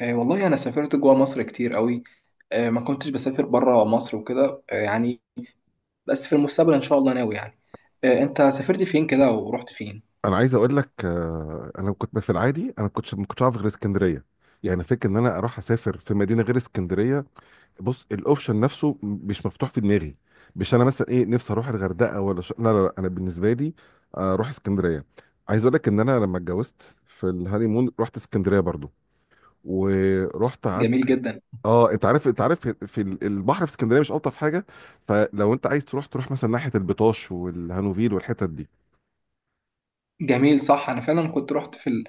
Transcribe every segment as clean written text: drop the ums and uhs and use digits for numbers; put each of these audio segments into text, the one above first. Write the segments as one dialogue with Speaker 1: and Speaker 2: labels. Speaker 1: والله أنا سافرت جوا مصر كتير قوي. ما كنتش بسافر برا مصر وكده، يعني بس في المستقبل إن شاء الله ناوي يعني. أنت سافرت فين كده ورحت فين؟
Speaker 2: انا عايز اقول لك، انا كنت في العادي، انا كنت ما كنتش عارف غير اسكندريه. يعني فكره ان انا اروح اسافر في مدينه غير اسكندريه. بص الاوبشن نفسه مش مفتوح في دماغي. مش انا مثلا ايه نفسي اروح الغردقه ولا لا لا لا، انا بالنسبه لي اروح اسكندريه. عايز اقول لك ان انا لما اتجوزت في الهانيمون رحت اسكندريه برضو ورحت قعدت.
Speaker 1: جميل جدا.
Speaker 2: اه، انت عارف، في البحر في اسكندريه مش الطف حاجه؟ فلو انت عايز تروح، تروح مثلا ناحيه البطاش والهانوفيل والحتت دي.
Speaker 1: جميل صح، انا فعلا كنت رحت في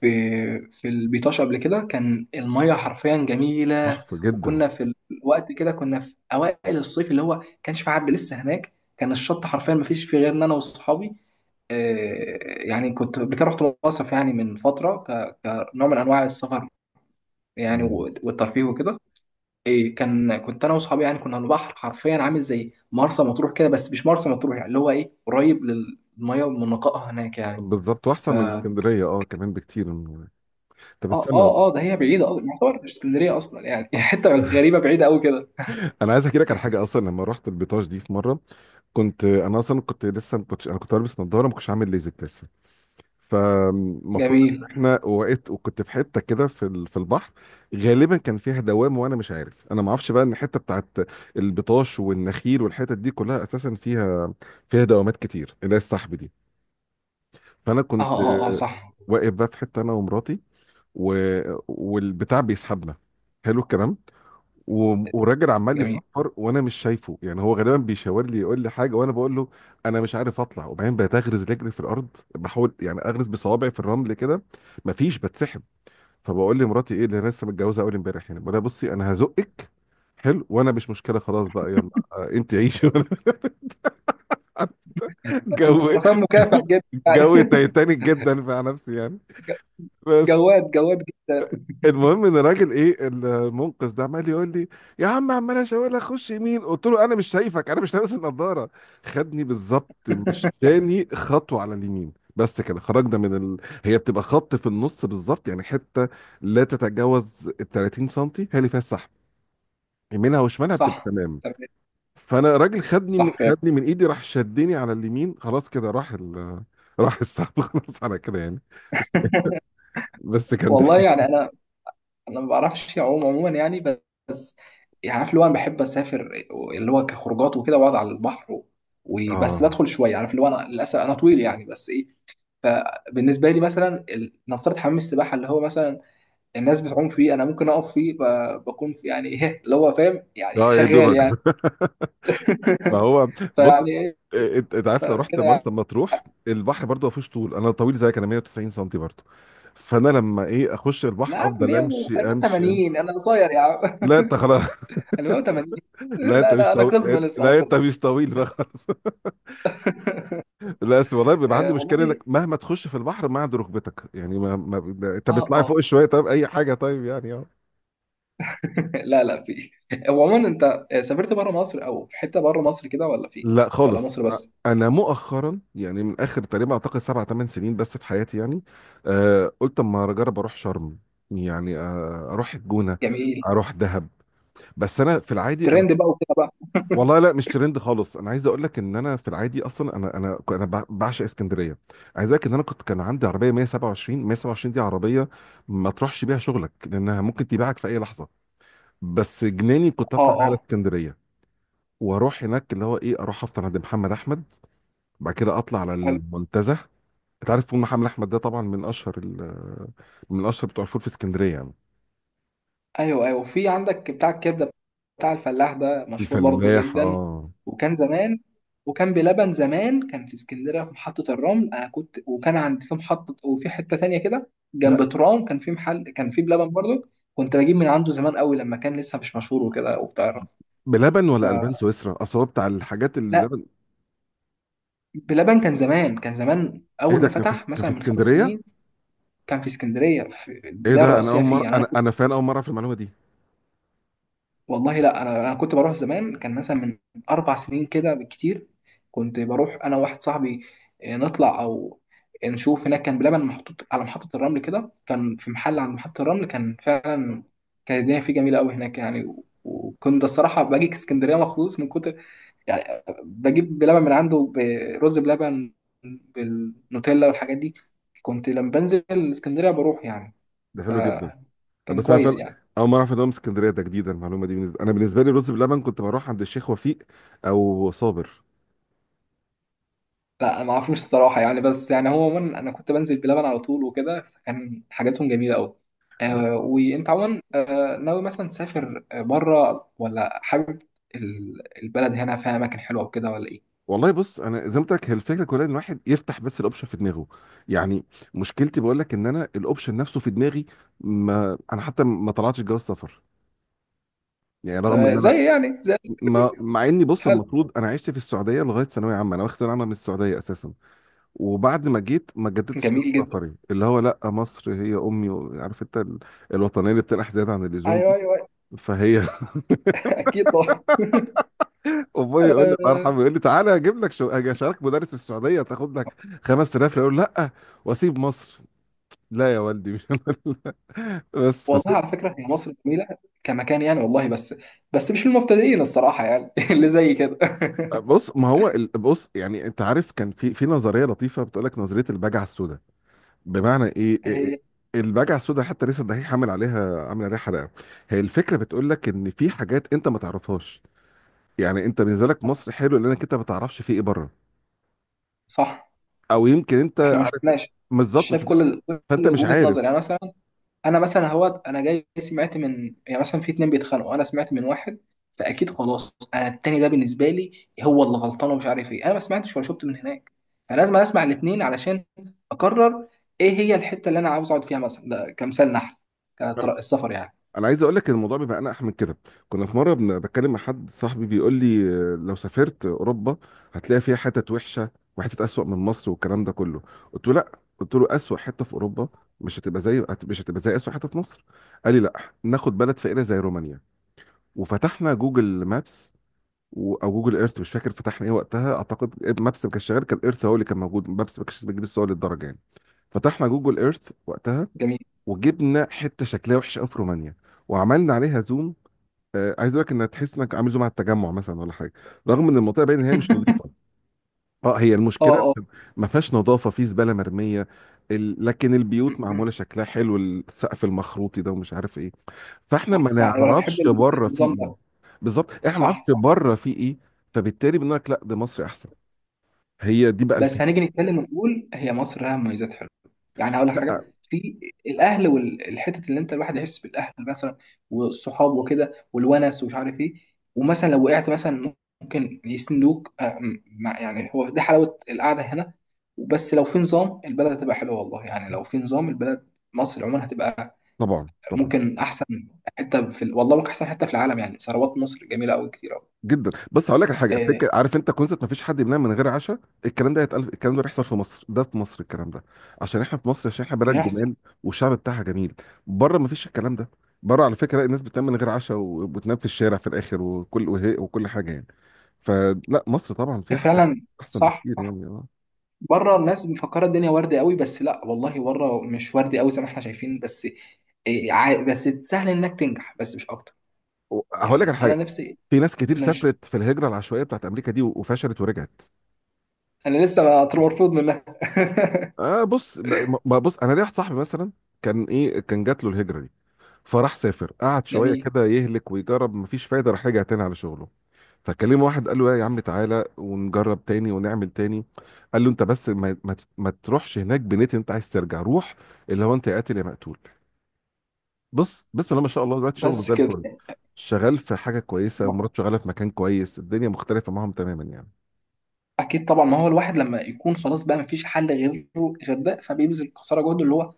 Speaker 1: في البيطاش قبل كده، كان الميه حرفيا جميله
Speaker 2: تحفه جدا.
Speaker 1: وكنا في الوقت كده كنا في اوائل الصيف اللي هو كانش في حد لسه هناك، كان الشط حرفيا ما فيش فيه غير انا واصحابي. يعني كنت قبل كده رحت مصيف يعني من فتره، كنوع من انواع السفر يعني
Speaker 2: آه.
Speaker 1: والترفيه وكده. إيه كان، كنت انا واصحابي يعني كنا على البحر حرفيا عامل زي مرسى مطروح كده، بس مش مرسى مطروح يعني اللي هو ايه قريب للميه ومن نقائها هناك يعني.
Speaker 2: بالظبط، واحسن من اسكندريه كمان بكتير. طب
Speaker 1: اه
Speaker 2: استنى والله.
Speaker 1: اه اه، ده هي بعيدة اصلا يعتبر مش اسكندرية اصلا يعني حتة غريبة بعيدة قوي كده.
Speaker 2: انا عايز احكي لك على حاجه، اصلا لما رحت البيطاش دي في مره، كنت انا اصلا كنت لسه، ما كنتش انا كنت لابس نظاره، ما كنتش عامل ليزك لسه. فالمفروض ان
Speaker 1: جميل.
Speaker 2: احنا وقت وكنت في حته كده في في البحر، غالبا كان فيها دوام وانا مش عارف. انا ما اعرفش بقى ان الحته بتاعت البطاش والنخيل والحتت دي كلها اساسا فيها دوامات كتير اللي هي السحب دي. فانا
Speaker 1: اه
Speaker 2: كنت
Speaker 1: اه اه صح.
Speaker 2: واقف بقى في حته انا ومراتي و... والبتاع بيسحبنا. حلو الكلام. والراجل عمال
Speaker 1: جميل.
Speaker 2: يصفر وانا مش شايفه، يعني هو غالبا بيشاور لي يقول لي حاجه، وانا بقول له انا مش عارف اطلع. وبعدين بقيت اغرز رجلي في الارض، بحاول يعني اغرز بصوابعي في الرمل كده، مفيش، بتسحب. فبقول لمراتي، ايه اللي انا لسه متجوزه اول امبارح يعني، بقول لها بصي انا هزقك. حلو. وانا مش مشكله، خلاص بقى يلا انت عيشي.
Speaker 1: انت
Speaker 2: جو
Speaker 1: رقم مكافح جدا يعني
Speaker 2: جو تايتانيك جدا مع نفسي يعني.
Speaker 1: ج-
Speaker 2: بس.
Speaker 1: جواد جواد جدا.
Speaker 2: المهم ان الراجل، ايه، المنقذ ده عمال يقول لي، يا عم، عمال اشاور لك خش يمين. قلت له انا مش شايفك، انا مش لابس النضاره. خدني بالظبط، مشاني خطوه على اليمين، بس كده خرجنا من هي بتبقى خط في النص بالظبط، يعني حته لا تتجاوز ال 30 سم هي اللي فيها السحب، يمينها وشمالها بتبقى
Speaker 1: صح.
Speaker 2: تمام.
Speaker 1: تمام.
Speaker 2: فانا الراجل،
Speaker 1: صح فاهم.
Speaker 2: خدني من ايدي، راح شدني على اليمين، خلاص كده راح راح السحب. خلاص على كده يعني. بس بس كان
Speaker 1: والله
Speaker 2: ضحك.
Speaker 1: يعني انا، ما بعرفش اعوم عموما يعني بس. يعني عارف اللي هو انا بحب اسافر، اللي هو كخروجات وكده واقعد على البحر وبس
Speaker 2: اه
Speaker 1: بدخل شويه، عارف اللي هو انا للاسف انا طويل يعني بس ايه. فبالنسبه لي مثلا نفترض حمام السباحه اللي هو مثلا الناس بتعوم فيه، انا ممكن اقف فيه بكون في يعني ايه اللي هو فاهم يعني
Speaker 2: اه، يا
Speaker 1: شغال
Speaker 2: دوبك.
Speaker 1: يعني.
Speaker 2: ما هو بص،
Speaker 1: فيعني ايه.
Speaker 2: انت عارف، لو رحت
Speaker 1: فكده يعني.
Speaker 2: مرسى مطروح البحر برضه ما فيهوش طول، انا طويل زيك، انا 190 سم برضه. فانا لما، ايه، اخش
Speaker 1: لا يا
Speaker 2: البحر
Speaker 1: عم،
Speaker 2: افضل
Speaker 1: 100
Speaker 2: امشي امشي امشي.
Speaker 1: 180 انا قصير يا عم
Speaker 2: لا انت خلاص.
Speaker 1: انا 180.
Speaker 2: لا انت
Speaker 1: لا
Speaker 2: مش
Speaker 1: لا، انا
Speaker 2: طويل
Speaker 1: قزم لسه انا
Speaker 2: لا انت
Speaker 1: قزم.
Speaker 2: مش طويل بقى خلاص. لا أصل والله بيبقى عندي
Speaker 1: آه
Speaker 2: مشكله انك
Speaker 1: والله.
Speaker 2: مهما تخش في البحر ما عند ركبتك يعني ما, ما... انت
Speaker 1: اه
Speaker 2: بتطلعي
Speaker 1: اه.
Speaker 2: فوق شويه طيب، اي حاجه طيب يعني.
Speaker 1: لا لا في. هو عموما انت سافرت بره مصر او في حته بره مصر كده ولا فين؟
Speaker 2: لا
Speaker 1: ولا
Speaker 2: خالص،
Speaker 1: مصر بس؟
Speaker 2: انا مؤخرا يعني من اخر تقريبا اعتقد 7 8 سنين بس في حياتي يعني. قلت اما اجرب اروح شرم، يعني اروح الجونه،
Speaker 1: جميل.
Speaker 2: اروح دهب. بس انا في العادي انا.
Speaker 1: ترند بقى وكده بقى.
Speaker 2: والله لا، مش ترند خالص. انا عايز اقول لك ان انا في العادي اصلا، انا بعشق اسكندريه. عايز اقول لك ان انا كان عندي عربيه 127، 127 دي عربيه ما تروحش بيها شغلك لانها ممكن تبيعك في اي لحظه. بس جناني كنت
Speaker 1: اه
Speaker 2: اطلع بيها على
Speaker 1: اه.
Speaker 2: اسكندريه، واروح هناك اللي هو، ايه، اروح افطر عند محمد احمد، بعد كده اطلع على المنتزه. انت عارف فول محمد احمد ده طبعا من اشهر بتوع الفول في اسكندريه يعني.
Speaker 1: ايوه ايوه، في عندك بتاع الكبده، بتاع الفلاح ده مشهور برضو
Speaker 2: الفلاح،
Speaker 1: جدا.
Speaker 2: اه.
Speaker 1: وكان زمان. وكان بلبن زمان كان في اسكندريه في محطه الرمل، انا كنت وكان عند في محطه، وفي حته تانية كده
Speaker 2: لا،
Speaker 1: جنب ترام كان في محل كان في بلبن برضو. كنت بجيب من عنده زمان قوي لما كان لسه مش مشهور وكده وبتعرف.
Speaker 2: بلبن
Speaker 1: ف-
Speaker 2: ولا البان سويسرا، اصل هو بتاع الحاجات اللي
Speaker 1: لا.
Speaker 2: لبن.
Speaker 1: بلبن كان زمان، كان زمان
Speaker 2: ايه
Speaker 1: اول
Speaker 2: ده،
Speaker 1: ما فتح
Speaker 2: كان في
Speaker 1: مثلا من خمس
Speaker 2: اسكندريه؟
Speaker 1: سنين، كان في اسكندريه في
Speaker 2: ايه
Speaker 1: البدايه
Speaker 2: ده، انا
Speaker 1: الرئيسيه
Speaker 2: اول
Speaker 1: فيه
Speaker 2: مره،
Speaker 1: يعني.
Speaker 2: انا فعلا اول مره اعرف المعلومه دي.
Speaker 1: والله لا، انا كنت بروح زمان كان مثلا من اربع سنين كده بالكتير، كنت بروح انا وواحد صاحبي. نطلع او نشوف هناك. كان بلبن محطوط على محطة الرمل كده، كان في محل عند محطة الرمل كان فعلا، كانت الدنيا فيه جميلة قوي هناك يعني وكنت الصراحة باجي اسكندرية مخصوص من كتر يعني، بجيب بلبن من عنده. برز بلبن بالنوتيلا والحاجات دي كنت لما بنزل اسكندرية بروح يعني.
Speaker 2: ده حلو جدا.
Speaker 1: فكان
Speaker 2: بس انا
Speaker 1: كويس
Speaker 2: فعلا
Speaker 1: يعني.
Speaker 2: اول مره اعرف ان هو من اسكندريه، ده جديده المعلومه دي. انا، بالنسبه لي رز بلبن كنت بروح عند الشيخ وفيق او صابر.
Speaker 1: لا، ما اعرفوش الصراحه يعني، بس يعني هو عموما انا كنت بنزل بلبن على طول وكده، فكان حاجاتهم جميله قوي. آه، وانت عموما ناوي مثلا تسافر بره ولا حابب البلد هنا فيها اماكن حلوه وكده ولا ايه؟
Speaker 2: والله بص، انا زي ما قلت لك، هي الفكره كلها ان الواحد يفتح بس الاوبشن في دماغه. يعني مشكلتي بقول لك ان انا الاوبشن نفسه في دماغي، ما انا حتى ما طلعتش جواز سفر. يعني
Speaker 1: طب
Speaker 2: رغم ان انا،
Speaker 1: زي يعني زي.
Speaker 2: ما، مع اني بص،
Speaker 1: حلو.
Speaker 2: المفروض انا عشت في السعوديه لغايه ثانويه عامه، انا واخد ثانويه عامه من السعوديه اساسا. وبعد ما جيت ما جددتش
Speaker 1: جميل
Speaker 2: جواز
Speaker 1: جدا.
Speaker 2: سفري، اللي هو لا، مصر هي امي، عارف انت الوطنيه اللي بتنقح زياده عن اللزوم
Speaker 1: ايوه
Speaker 2: دي.
Speaker 1: ايوه، أيوة.
Speaker 2: فهي
Speaker 1: اكيد طبعا.
Speaker 2: ابويا يقول لي، الله
Speaker 1: آه
Speaker 2: يرحمه، يقول لي تعالى اجيب لك، شو، اجي اشارك مدرس في السعوديه تاخد لك 5000. يقول لا، واسيب مصر؟ لا يا والدي مش انا. اللي- بس
Speaker 1: والله،
Speaker 2: فسيب.
Speaker 1: على فكره هي مصر جميله كمكان يعني والله، بس بس مش للمبتدئين الصراحه يعني اللي زي كده
Speaker 2: بص، ما هو بص يعني، انت عارف كان في نظريه لطيفه بتقول لك نظريه البجعه السوداء. بمعنى ايه؟ إيه؟
Speaker 1: هي
Speaker 2: البجعه السوداء حتى لسه الدحيح عامل عليها، حلقه. هي الفكره بتقول لك ان في حاجات انت ما تعرفهاش. يعني انت بالنسبه لك مصر حلو لانك انت ما تعرفش في ايه بره،
Speaker 1: صح.
Speaker 2: او يمكن انت
Speaker 1: احنا ما
Speaker 2: عارف
Speaker 1: شفناش. مش
Speaker 2: بالظبط مش
Speaker 1: شايف كل
Speaker 2: فانت
Speaker 1: كل
Speaker 2: مش
Speaker 1: وجهة
Speaker 2: عارف.
Speaker 1: نظر يعني. مثلا انا مثلا هو انا جاي سمعت من يعني مثلا في اتنين بيتخانقوا، انا سمعت من واحد، فاكيد خلاص انا التاني ده بالنسبه لي هو اللي غلطان ومش عارف ايه، انا ما سمعتش ولا شفت من هناك، فلازم اسمع الاتنين علشان اقرر ايه هي الحته اللي انا عاوز اقعد فيها مثلا. ده كمثال نحل كطرق السفر يعني.
Speaker 2: انا عايز اقول لك الموضوع بيبقى انقح من كده. كنا في مره بتكلم مع حد صاحبي بيقول لي، لو سافرت اوروبا هتلاقي فيها حتت وحشه وحتت اسوأ من مصر والكلام ده كله. قلت له لا. قلت له اسوأ حته في اوروبا مش هتبقى زي، مش هتبقى زي اسوأ حته في مصر. قال لي لا، ناخد بلد فقيره زي رومانيا. وفتحنا جوجل مابس، او جوجل ايرث، مش فاكر فتحنا ايه وقتها، اعتقد مابس ما كانش شغال، كان ايرث هو اللي كان موجود، مابس ما كانش بتجيب الصور للدرجه يعني. فتحنا جوجل ايرث وقتها،
Speaker 1: جميل.
Speaker 2: وجبنا حته شكلها وحش قوي في رومانيا، وعملنا عليها زوم. عايز اقول لك، انك تحس انك عامل زوم على التجمع مثلا ولا حاجه، رغم ان المنطقه باين ان هي مش نظيفه. اه، هي
Speaker 1: اه
Speaker 2: المشكله،
Speaker 1: اه.
Speaker 2: ما فيهاش نظافه، في زباله مرميه لكن البيوت معموله
Speaker 1: م.
Speaker 2: شكلها حلو، السقف المخروطي ده، ومش عارف ايه. فاحنا
Speaker 1: صح
Speaker 2: ما
Speaker 1: صح، ايوه انا بحب
Speaker 2: نعرفش بره في
Speaker 1: النظام
Speaker 2: ايه.
Speaker 1: ده.
Speaker 2: بالظبط، احنا ما نعرفش
Speaker 1: صح صح.
Speaker 2: بره في ايه، فبالتالي بنقول لك لا، ده مصري احسن. هي دي بقى
Speaker 1: بس
Speaker 2: الفكره.
Speaker 1: هنيجي نتكلم ونقول هي مصر لها مميزات حلوه يعني. هقول لك حاجه
Speaker 2: لا،
Speaker 1: في الاهل والحته اللي انت الواحد يحس بالاهل مثلا، والصحاب وكده والونس ومش عارف ايه، ومثلا لو وقعت مثلا ممكن يسندوك، يعني هو ده حلاوه القعده هنا. بس لو في نظام البلد هتبقى حلوه والله يعني، لو في نظام البلد مصر عموما هتبقى
Speaker 2: طبعا طبعا
Speaker 1: ممكن احسن حته في والله ممكن احسن حته في العالم يعني، ثروات مصر جميله قوي كتير قوي.
Speaker 2: جدا. بس هقول لك على حاجه،
Speaker 1: آه،
Speaker 2: فكره، عارف انت كونسبت ما فيش حد بينام من غير عشاء، الكلام ده هيتقال؟ الكلام ده بيحصل في مصر، ده في مصر الكلام ده، عشان احنا في مصر، عشان احنا بلد
Speaker 1: بيحصل.
Speaker 2: جمال والشعب بتاعها جميل. بره ما فيش الكلام ده. بره، على فكره، الناس بتنام من غير عشاء، وبتنام في الشارع في الاخر، وكل، وهي، وكل حاجه يعني. فلا، مصر طبعا فيها حاجات
Speaker 1: فعلا
Speaker 2: احسن
Speaker 1: صح
Speaker 2: بكتير
Speaker 1: صح.
Speaker 2: يعني اه.
Speaker 1: بره الناس مفكره الدنيا ورد قوي، بس لا والله بره مش ورد قوي زي ما احنا شايفين بس. بس سهل انك تنجح بس مش اكتر
Speaker 2: هقول لك على
Speaker 1: يعني. انا
Speaker 2: حاجه،
Speaker 1: نفسي.
Speaker 2: في ناس كتير
Speaker 1: ماشي.
Speaker 2: سافرت في الهجره العشوائيه بتاعت امريكا دي و- وفشلت ورجعت.
Speaker 1: انا لسه مرفوض منها
Speaker 2: اه، بص، ب- ما بص، انا ليا واحد صاحبي مثلا، كان، ايه، كان جات له الهجره دي، فراح سافر قعد شويه
Speaker 1: جميل.
Speaker 2: كده، يهلك ويجرب، مفيش فايده، راح رجع تاني على شغله. فكلمه واحد قال له يا عم تعالى ونجرب تاني ونعمل تاني. قال له انت بس ما تروحش هناك بنيت، انت عايز ترجع روح. اللي هو انت يا قاتل يا مقتول. بص، بسم الله ما شاء الله، دلوقتي شغله
Speaker 1: بس
Speaker 2: زي الفل،
Speaker 1: كده.
Speaker 2: شغال في حاجه كويسه
Speaker 1: ما-
Speaker 2: ومراته شغاله في مكان كويس، الدنيا مختلفه معاهم تماما يعني.
Speaker 1: اكيد طبعا، ما هو الواحد لما يكون خلاص بقى مفيش حل غيره غير ده، فبيبذل قصارى جهده اللي هو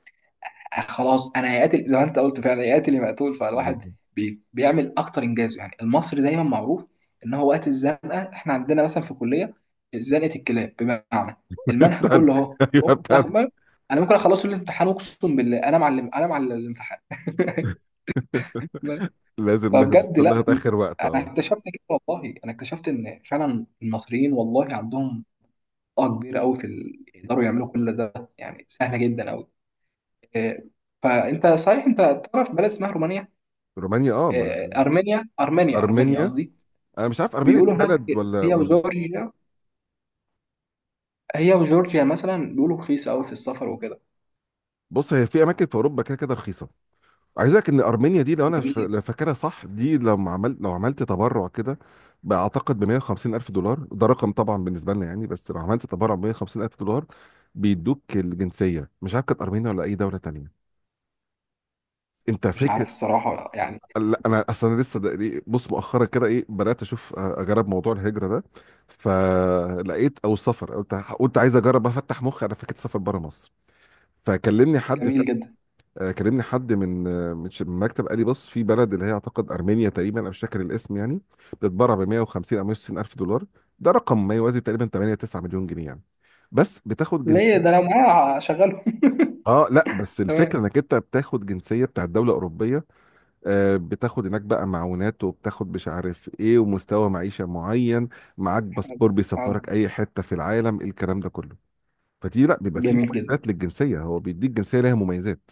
Speaker 1: خلاص. انا هيقاتل زي ما انت قلت، فعلا هيقاتل يا مقتول، فالواحد
Speaker 2: بالظبط.
Speaker 1: بيعمل اكتر انجازه يعني، المصري دايما معروف ان هو وقت الزنقه. احنا عندنا مثلا في الكليه زنقه الكلاب، بمعنى المنهج
Speaker 2: بتاعت،
Speaker 1: كله اهو، أقوم
Speaker 2: ايوه، بتاعت،
Speaker 1: أخبر انا ممكن اخلصه الامتحان، اقسم بالله انا معلم انا معلم الامتحان
Speaker 2: لازم ناخد،
Speaker 1: فبجد
Speaker 2: استنى،
Speaker 1: لا،
Speaker 2: ناخد اخر وقت
Speaker 1: انا
Speaker 2: اه.
Speaker 1: اكتشفت كده، والله انا اكتشفت ان فعلا المصريين والله عندهم طاقه كبيره قوي في يقدروا يعملوا كل ده يعني، سهله جدا قوي. آه، فانت صحيح انت تعرف بلد اسمها رومانيا؟
Speaker 2: رومانيا، اه،
Speaker 1: آه،
Speaker 2: ما،
Speaker 1: ارمينيا ارمينيا
Speaker 2: ارمينيا.
Speaker 1: قصدي.
Speaker 2: انا مش عارف ارمينيا
Speaker 1: بيقولوا
Speaker 2: دي
Speaker 1: هناك،
Speaker 2: بلد ولا
Speaker 1: هي
Speaker 2: ولا
Speaker 1: وجورجيا، هي وجورجيا مثلا بيقولوا رخيصه قوي في السفر وكده.
Speaker 2: بص، هي في اماكن في اوروبا كده كده رخيصه. عايز اقول لك ان ارمينيا دي، لو انا
Speaker 1: جميل.
Speaker 2: لو فاكرها صح دي، لو عملت، تبرع كده بقى، اعتقد ب 150 الف دولار. ده رقم طبعا بالنسبه لنا يعني. بس لو عملت تبرع ب 150 الف دولار، بيدوك الجنسيه. مش عارف كانت ارمينيا ولا اي دوله تانيه، انت
Speaker 1: مش
Speaker 2: فاكر؟
Speaker 1: عارف الصراحه يعني.
Speaker 2: لا انا اصلا لسه ده، بص مؤخرا كده، ايه، بدات اشوف، اجرب موضوع الهجره ده، فلقيت، او السفر، قلت عايز اجرب افتح مخي على فكره سفر بره مصر. فكلمني حد
Speaker 1: جميل جدا.
Speaker 2: كلمني حد من، من المكتب. قال لي بص، في بلد اللي هي اعتقد ارمينيا تقريبا، انا مش فاكر الاسم يعني، بتتباع ب 150 او 160 الف دولار. ده رقم ما يوازي تقريبا 8 9 مليون جنيه يعني، بس بتاخد جنسيه.
Speaker 1: ليه ده لو معايا هشغله.
Speaker 2: اه لا، بس الفكره
Speaker 1: تمام.
Speaker 2: انك انت بتاخد جنسيه بتاعت دوله اوروبيه، بتاخد هناك بقى معونات، وبتاخد مش عارف ايه، ومستوى معيشة معين. معاك
Speaker 1: حلو.
Speaker 2: باسبور
Speaker 1: حلو.
Speaker 2: بيسفرك اي حتة في العالم، الكلام ده كله. فدي لا، بيبقى فيه
Speaker 1: جميل جدا.
Speaker 2: مميزات للجنسية، هو بيديك جنسية ليها مميزات.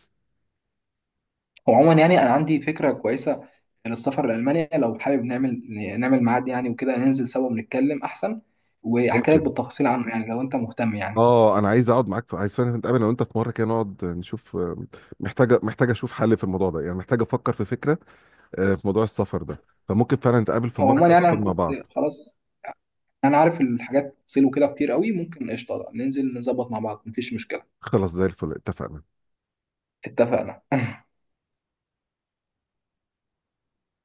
Speaker 1: وعموما يعني انا عندي فكره كويسه للسفر لالمانيا، لو حابب نعمل نعمل ميعاد يعني وكده، ننزل سوا ونتكلم احسن واحكي لك
Speaker 2: ممكن.
Speaker 1: بالتفاصيل عنه يعني، لو انت مهتم يعني.
Speaker 2: اه، انا عايز اقعد معاك، عايز فعلا نتقابل، لو انت في مره كده نقعد نشوف، محتاجه اشوف حل في الموضوع ده يعني، محتاجه افكر في فكره في موضوع السفر ده. فممكن فعلا نتقابل في
Speaker 1: هو
Speaker 2: مره
Speaker 1: عموما
Speaker 2: كده
Speaker 1: يعني
Speaker 2: نقعد
Speaker 1: انا
Speaker 2: مع
Speaker 1: كنت
Speaker 2: بعض.
Speaker 1: خلاص. انا عارف الحاجات سيلو كده كتير قوي، ممكن قشطه ننزل نظبط مع بعض مفيش مشكله.
Speaker 2: خلاص زي الفل، اتفقنا.
Speaker 1: اتفقنا.